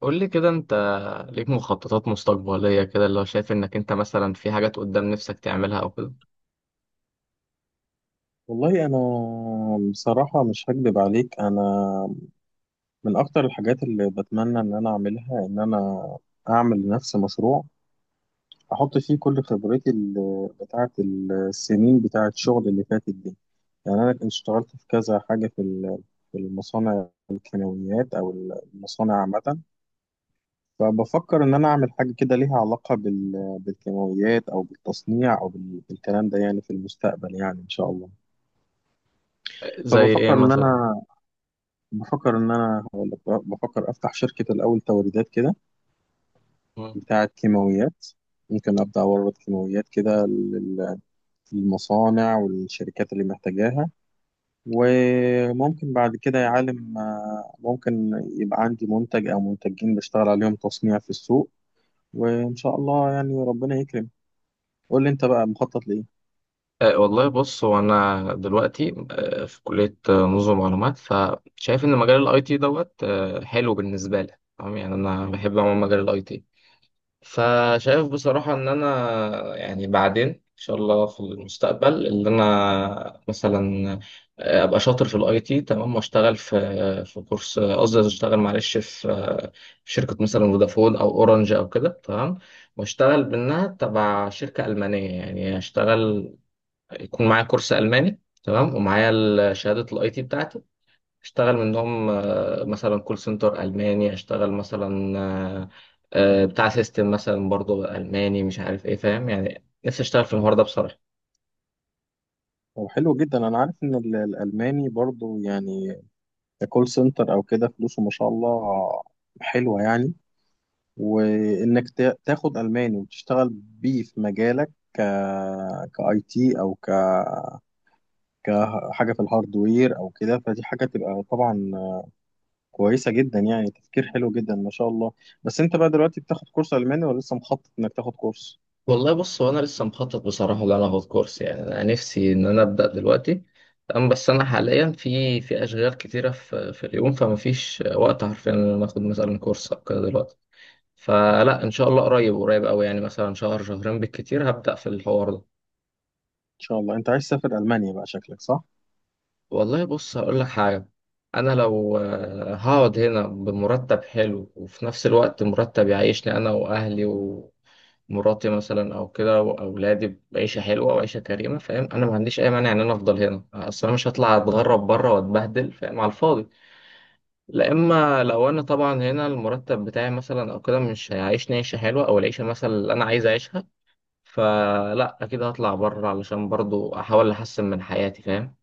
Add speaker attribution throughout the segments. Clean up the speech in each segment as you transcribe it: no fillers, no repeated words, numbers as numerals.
Speaker 1: قول لي كده انت ليك مخططات مستقبلية كده، اللي هو شايف انك انت مثلا في حاجات قدام نفسك تعملها او كده.
Speaker 2: والله أنا بصراحة مش هكدب عليك. أنا من أكتر الحاجات اللي بتمنى إن أنا أعملها إن أنا أعمل لنفسي مشروع أحط فيه كل خبرتي بتاعة السنين بتاعة الشغل اللي فاتت دي. يعني أنا كنت اشتغلت في كذا حاجة في المصانع الكيماويات أو المصانع عامة. فبفكر إن أنا أعمل حاجة كده ليها علاقة بالكيماويات أو بالتصنيع أو بالكلام ده يعني في المستقبل يعني إن شاء الله.
Speaker 1: زي
Speaker 2: فبفكر
Speaker 1: ايه
Speaker 2: إن
Speaker 1: مثلا؟
Speaker 2: أنا بفكر إن أنا هقول لك بقى، بفكر أفتح شركة الأول توريدات كده
Speaker 1: مم.
Speaker 2: بتاعة كيماويات. ممكن أبدأ أورد كيماويات كده للمصانع والشركات اللي محتاجاها. وممكن بعد كده يا عالم، ممكن يبقى عندي منتج أو منتجين بشتغل عليهم تصنيع في السوق، وإن شاء الله يعني ربنا يكرم. قول لي أنت بقى مخطط لإيه؟
Speaker 1: والله بص، هو انا دلوقتي في كلية، نظم معلومات. فشايف ان مجال الاي تي دوت حلو بالنسبة لي، تمام؟ يعني انا بحب عموما مجال الاي تي. فشايف بصراحة إن أنا يعني بعدين إن شاء الله في المستقبل إن أنا مثلا أبقى شاطر في الأي تي تمام، وأشتغل في كورس، قصدي أشتغل معلش في شركة مثلا فودافون أو أورنج أو كده، تمام. وأشتغل منها تبع شركة ألمانية، يعني أشتغل يكون معايا كورس ألماني تمام، ومعايا شهادة الأي تي بتاعتي. اشتغل منهم، مثلا كول سنتر ألماني، اشتغل مثلا آه، بتاع سيستم مثلا برضه ألماني، مش عارف ايه، فاهم؟ يعني نفسي اشتغل في النهارده بصراحة.
Speaker 2: طب حلو جدا. أنا عارف إن الألماني برضو يعني ككول سنتر أو كده فلوسه ما شاء الله حلوة يعني. وانك تاخد الماني وتشتغل بيه في مجالك كاي تي او كحاجه في الهاردوير او كده، فدي حاجه تبقى طبعا كويسه جدا يعني. تفكير حلو جدا ما شاء الله. بس انت بقى دلوقتي بتاخد كورس الماني ولا لسه مخطط انك تاخد كورس؟
Speaker 1: والله بص، هو انا لسه مخطط بصراحة ان انا اخد كورس. يعني انا نفسي ان انا ابدأ دلوقتي تمام، بس انا حاليا في اشغال كتيرة في اليوم، فما فيش وقت حرفيا ان انا اخد مثلا كورس او كده دلوقتي. فلا، ان شاء الله قريب، قريب قوي، يعني مثلا شهر شهرين بالكتير هبدأ في الحوار ده.
Speaker 2: ان شاء الله انت عايز تسافر المانيا بقى شكلك، صح.
Speaker 1: والله بص هقول لك حاجة، أنا لو هقعد هنا بمرتب حلو، وفي نفس الوقت مرتب يعيشني أنا وأهلي ومراتي مثلا أو كده وأولادي، بعيشة حلوة وعيشة كريمة، فاهم؟ أنا ما عنديش أي مانع إن أنا أفضل هنا. أصل أنا مش هطلع أتغرب بره وأتبهدل، فاهم، على الفاضي. لا، إما لو أنا طبعا هنا المرتب بتاعي مثلا أو كده مش هيعيشني عيشة حلوة، أو العيشة مثلا اللي أنا عايز أعيشها، فلا أكيد هطلع بره، علشان برضو أحاول أحسن من حياتي، فاهم؟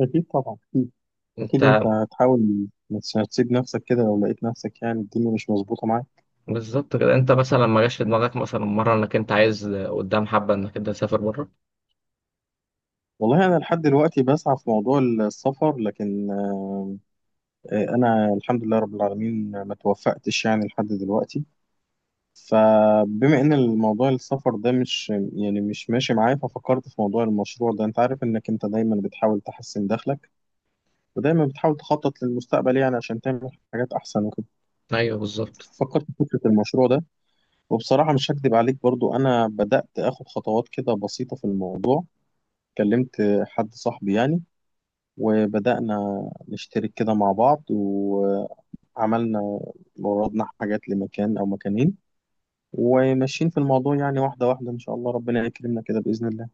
Speaker 2: اكيد طبعا، اكيد.
Speaker 1: انت
Speaker 2: اكيد انت هتحاول ما تسيب نفسك كده لو لقيت نفسك يعني الدنيا مش مظبوطه معاك.
Speaker 1: بالظبط كده، انت مثلا ما جاش في دماغك مثلا مره انك انت عايز قدام حبه انك انت تسافر بره؟
Speaker 2: والله انا لحد دلوقتي بسعى في موضوع السفر، لكن انا الحمد لله رب العالمين ما توفقتش يعني لحد دلوقتي. فبما ان الموضوع السفر ده مش يعني مش ماشي معايا، ففكرت في موضوع المشروع ده. انت عارف انك انت دايما بتحاول تحسن دخلك ودايما بتحاول تخطط للمستقبل يعني عشان تعمل حاجات احسن وكده.
Speaker 1: ايوه بالظبط.
Speaker 2: فكرت في فكرة المشروع ده. وبصراحة مش هكدب عليك برضو، انا بدأت اخد خطوات كده بسيطة في الموضوع. كلمت حد صاحبي يعني، وبدأنا نشترك كده مع بعض. عملنا وردنا حاجات لمكان أو مكانين، وماشيين في الموضوع يعني واحدة واحدة إن شاء الله ربنا يكرمنا كده بإذن الله.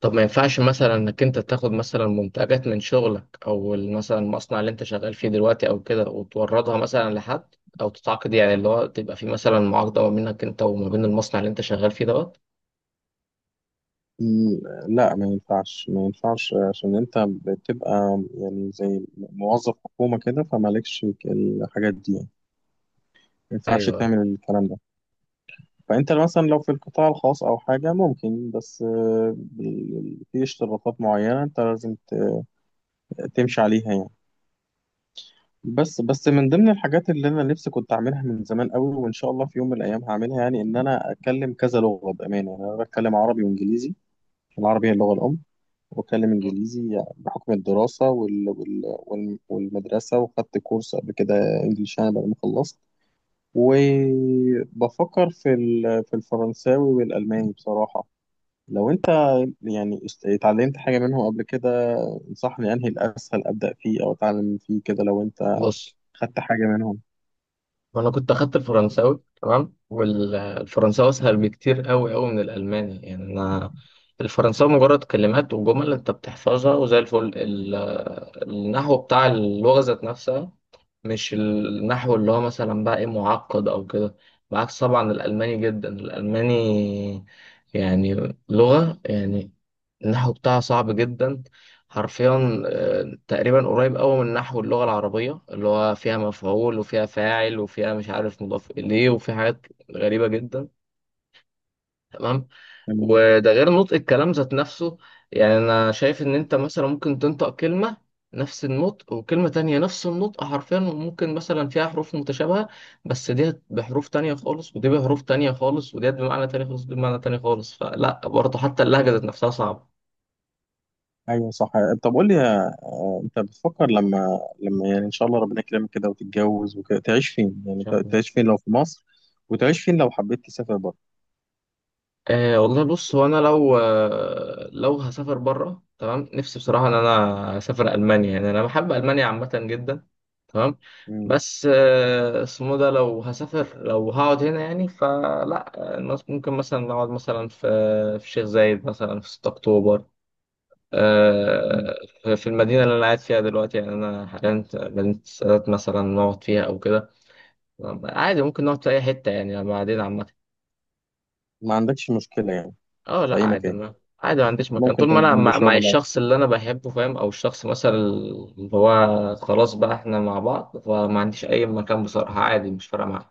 Speaker 1: طب ما ينفعش مثلا انك انت تاخد مثلا منتجات من شغلك او مثلا المصنع اللي انت شغال فيه دلوقتي او كده، وتوردها مثلا لحد، او تتعاقد يعني، اللي هو تبقى في مثلا معاقده ما بينك انت وما بين المصنع اللي انت شغال فيه دوت؟
Speaker 2: لا ما ينفعش عشان أنت بتبقى يعني زي موظف حكومة كده فمالكش الحاجات دي يعني. ما ينفعش
Speaker 1: ايوه.
Speaker 2: تعمل الكلام ده. فأنت مثلا لو في القطاع الخاص أو حاجة ممكن، بس في اشتراطات معينة أنت لازم تمشي عليها يعني. بس من ضمن الحاجات اللي انا نفسي كنت اعملها من زمان قوي وان شاء الله في يوم من الايام هعملها، يعني ان انا اتكلم كذا لغه بامانه. يعني انا بتكلم عربي وانجليزي. العربي هي اللغه الام. واتكلم انجليزي بحكم الدراسه والمدرسه، وخدت كورس قبل كده انجليش انا بعد ما خلصت. وبفكر في الفرنساوي والالماني بصراحه. لو انت يعني اتعلمت حاجه منهم قبل كده، انصحني انهي الاسهل ابدا فيه او اتعلم فيه كده لو انت
Speaker 1: بص،
Speaker 2: خدت حاجه منهم.
Speaker 1: وانا كنت اخدت الفرنساوي تمام، والفرنساوي اسهل بكتير قوي قوي من الالماني، يعني انا الفرنساوي مجرد كلمات وجمل انت بتحفظها وزي الفل. النحو بتاع اللغه ذات نفسها، مش النحو اللي هو مثلا بقى ايه، معقد او كده. بعكس طبعا الالماني، جدا الالماني يعني لغه يعني النحو بتاعها صعب جدا، حرفيا تقريبا قريب قوي من نحو اللغة العربية، اللي هو فيها مفعول وفيها فاعل وفيها مش عارف مضاف إليه، وفي حاجات غريبة جدا، تمام؟
Speaker 2: تمام.
Speaker 1: وده غير نطق الكلام ذات نفسه. يعني أنا شايف إن أنت مثلا ممكن تنطق كلمة نفس النطق، وكلمة تانية نفس النطق حرفيا، وممكن مثلا فيها حروف متشابهة، بس دي بحروف تانية خالص ودي بحروف تانية خالص، ودي بمعنى تاني خالص ودي بمعنى تاني خالص. فلا، برضه حتى اللهجة ذات نفسها صعبة.
Speaker 2: ايوه صح. طب قول لي، انت بتفكر لما يعني ان شاء الله ربنا يكرمك كده وتتجوز وكده، تعيش فين؟ يعني تعيش فين لو في مصر، وتعيش فين لو حبيت تسافر بره؟
Speaker 1: والله بص، هو انا لو لو هسافر بره تمام، نفسي بصراحه ان انا اسافر المانيا، يعني انا بحب المانيا عامه جدا، تمام؟
Speaker 2: مم.
Speaker 1: بس اسمه ده لو هسافر، لو هقعد هنا يعني، فلا الناس ممكن مثلا نقعد مثلا في شيخ زايد، مثلا في 6 اكتوبر،
Speaker 2: مم.
Speaker 1: آه، في المدينه اللي انا قاعد فيها دلوقتي، يعني انا حاليا في مدينه السادات مثلا، نقعد فيها او كده. عادي، ممكن نقعد في اي حته يعني بعدين، عامه.
Speaker 2: ما عندكش مشكلة يعني،
Speaker 1: اه
Speaker 2: في
Speaker 1: لا
Speaker 2: اي
Speaker 1: عادي،
Speaker 2: مكان؟
Speaker 1: ما عادي ما عنديش مكان،
Speaker 2: ممكن
Speaker 1: طول ما
Speaker 2: تبقى
Speaker 1: انا
Speaker 2: جنب
Speaker 1: مع
Speaker 2: شغلك.
Speaker 1: الشخص اللي انا بحبه، فاهم، او الشخص مثلا اللي هو خلاص بقى احنا مع بعض، فما عنديش اي مكان، بصراحة عادي، مش فارقة معايا.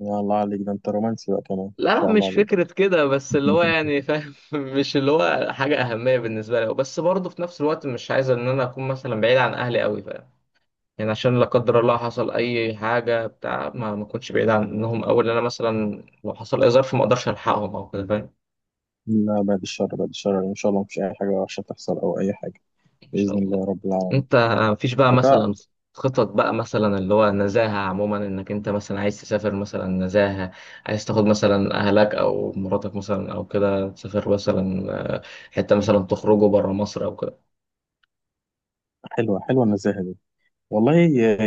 Speaker 2: يا الله عليك، ده انت رومانسي بقى كمان، ان
Speaker 1: لا
Speaker 2: شاء الله
Speaker 1: مش
Speaker 2: عليك.
Speaker 1: فكرة كده، بس اللي هو يعني، فاهم؟ مش اللي هو حاجة أهمية بالنسبة لي، بس برضه في نفس الوقت مش عايز إن أنا أكون مثلا بعيد عن أهلي أوي، فاهم؟ يعني عشان لا قدر الله حصل أي حاجة، بتاع ما أكونش بعيد عنهم أوي، لأن أنا مثلا لو حصل أي ظرف ما أقدرش ألحقهم أو كده، فاهم؟
Speaker 2: لا بعد الشر، بعد الشر، يعني ان شاء الله مفيش اي حاجة وحشة تحصل او اي حاجة.
Speaker 1: ان شاء
Speaker 2: باذن
Speaker 1: الله.
Speaker 2: الله رب العالمين.
Speaker 1: انت مفيش بقى
Speaker 2: فتاة.
Speaker 1: مثلا خطط بقى مثلا اللي هو نزاهة عموما، انك انت مثلا عايز تسافر مثلا نزاهة، عايز تاخد مثلا اهلك او مراتك مثلا او كده تسافر مثلا، آه، حتة مثلا تخرجوا بره مصر او كده؟ ان
Speaker 2: حلوة حلوة النزاهة دي والله.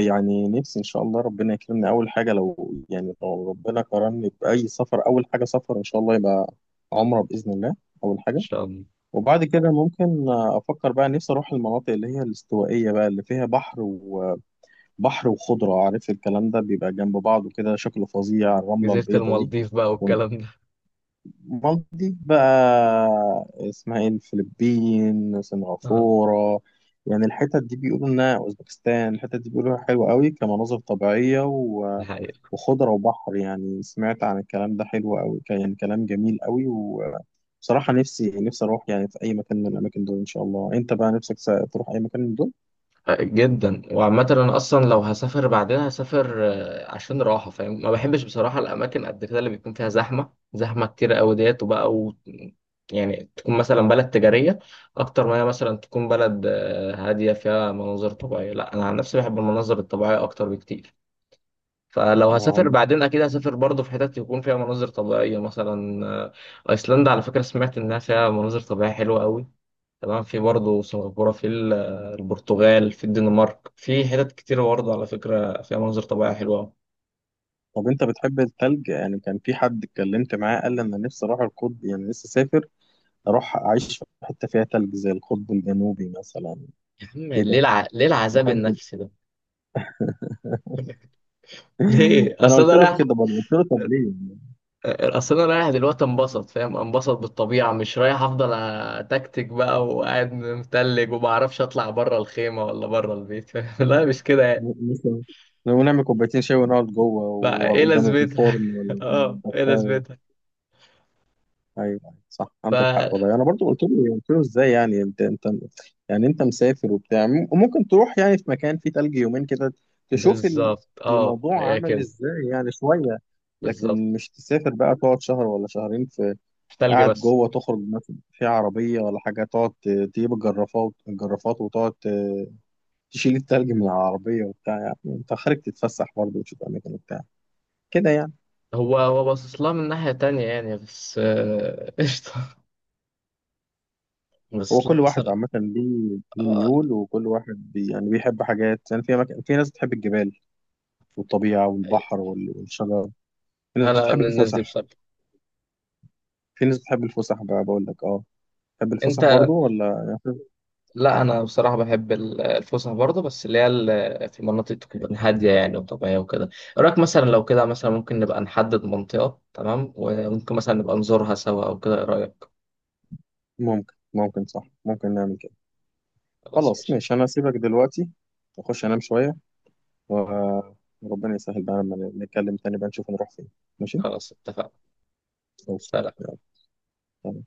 Speaker 2: يعني نفسي ان شاء الله ربنا يكرمني اول حاجه. لو يعني لو ربنا كرمني باي سفر، اول حاجه سفر ان شاء الله يبقى عمره باذن الله، اول حاجه.
Speaker 1: شاء الله.
Speaker 2: وبعد كده ممكن افكر بقى. نفسي اروح المناطق اللي هي الاستوائيه بقى، اللي فيها بحر وخضره، عارف الكلام ده بيبقى جنب بعض وكده شكله فظيع، الرمله
Speaker 1: جزيرة
Speaker 2: البيضاء دي.
Speaker 1: المالديف بقى والكلام ده؟
Speaker 2: مالدي بقى اسمها ايه، الفلبين،
Speaker 1: اه
Speaker 2: سنغافورة. يعني الحتت دي بيقولوا انها اوزبكستان، الحتت دي بيقولوا حلوة قوي كمناظر طبيعية
Speaker 1: ده حقيقي
Speaker 2: وخضرة وبحر. يعني سمعت عن الكلام ده حلو قوي كان، يعني كلام جميل قوي. وبصراحة نفسي اروح يعني في اي مكان من الاماكن دول ان شاء الله. انت بقى نفسك تروح اي مكان من دول؟
Speaker 1: جدا. وعامة انا اصلا لو هسافر، بعدها هسافر عشان راحة، فاهم؟ ما بحبش بصراحة الاماكن قد كده اللي بيكون فيها زحمة، زحمة كتير قوي ديت وبقى يعني تكون مثلا بلد تجارية اكتر ما هي مثلا تكون بلد هادية فيها مناظر طبيعية. لا انا عن نفسي بحب المناظر الطبيعية اكتر بكتير، فلو
Speaker 2: لو
Speaker 1: هسافر
Speaker 2: عندك.
Speaker 1: بعدين اكيد هسافر برضه في حتت يكون فيها مناظر طبيعية مثلا ايسلندا. على فكرة، سمعت انها فيها مناظر طبيعية حلوة قوي، تمام؟ في برضه سنغافورة، البرتغال، في الدنمارك، في حتت كتير برضه على فكرة فيها مناظر طبيعية حلوة أوي.
Speaker 2: طب انت بتحب التلج؟ يعني كان في حد اتكلمت معاه قال لي انا نفسي اروح القطب، يعني نفسي اسافر اروح اعيش في حته فيها تلج زي القطب الجنوبي مثلا
Speaker 1: يا عم ليه
Speaker 2: كده
Speaker 1: ليه العذاب
Speaker 2: محدد.
Speaker 1: النفسي ده؟ ليه؟
Speaker 2: فانا
Speaker 1: اصل
Speaker 2: قلت
Speaker 1: انا
Speaker 2: له
Speaker 1: رايح،
Speaker 2: كده برضه، قلت له طب ليه يعني؟
Speaker 1: اصل انا رايح دلوقتي انبسط، فاهم، انبسط بالطبيعة. مش رايح افضل اتكتك بقى وقاعد متلج، وما اعرفش اطلع بره الخيمة ولا بره البيت، فاهم؟ لا مش كده يعني.
Speaker 2: مثلا لو نعمل كوبايتين شاي ونقعد جوه
Speaker 1: بقى ايه
Speaker 2: وقدام
Speaker 1: لازمتها؟
Speaker 2: الفرن ولا قدام
Speaker 1: اه ايه
Speaker 2: الدفايه.
Speaker 1: لازمتها؟
Speaker 2: ايوه، أيوة، صح
Speaker 1: ف
Speaker 2: عندك حق والله. انا برضو قلت له، ازاي يعني انت، يعني انت مسافر وبتاع وممكن تروح يعني في مكان فيه تلج يومين كده تشوف
Speaker 1: بالظبط، اه
Speaker 2: الموضوع
Speaker 1: هي
Speaker 2: عامل
Speaker 1: كده.
Speaker 2: ازاي يعني شويه. لكن
Speaker 1: بالظبط،
Speaker 2: مش تسافر بقى تقعد شهر ولا شهرين في،
Speaker 1: تلج
Speaker 2: قاعد
Speaker 1: بس؟
Speaker 2: جوه. تخرج مثلا في عربية ولا حاجة، تقعد تجيب الجرافات وتقعد تشيل التلج من العربية وبتاع، يعني انت خارج تتفسح برضه وتشوف أماكن وبتاع كده يعني.
Speaker 1: هو باصص لها من ناحية تانية يعني، بس قشطة،
Speaker 2: هو
Speaker 1: باصص
Speaker 2: كل
Speaker 1: لها
Speaker 2: واحد
Speaker 1: مثلا.
Speaker 2: عامة ليه
Speaker 1: آه،
Speaker 2: ميول، وكل واحد يعني بيحب حاجات يعني. في أماكن، في ناس بتحب الجبال والطبيعة والبحر والشجر. في ناس
Speaker 1: أنا
Speaker 2: بتحب
Speaker 1: من الناس دي
Speaker 2: الفسح.
Speaker 1: بصراحة.
Speaker 2: في ناس بتحب الفسح بقى بقول لك، اه. تحب
Speaker 1: أنت؟
Speaker 2: الفسح برضه ولا يعني؟
Speaker 1: لا أنا بصراحة بحب الفسح برضه، بس اللي هي في مناطق تكون هادية يعني وطبيعية وكده. إيه رأيك مثلا لو كده مثلا ممكن نبقى نحدد منطقة تمام، وممكن مثلا نبقى نزورها سوا أو كده، إيه رأيك؟
Speaker 2: ممكن، صح، ممكن نعمل كده.
Speaker 1: خلاص
Speaker 2: خلاص
Speaker 1: ماشي.
Speaker 2: ماشي. أنا هسيبك دلوقتي أخش أنام شوية. وربنا يسهل بقى لما نتكلم تاني بقى نشوف نروح فين. ماشي.
Speaker 1: خلاص اتفقنا.
Speaker 2: اوكي.
Speaker 1: سلام.
Speaker 2: يلا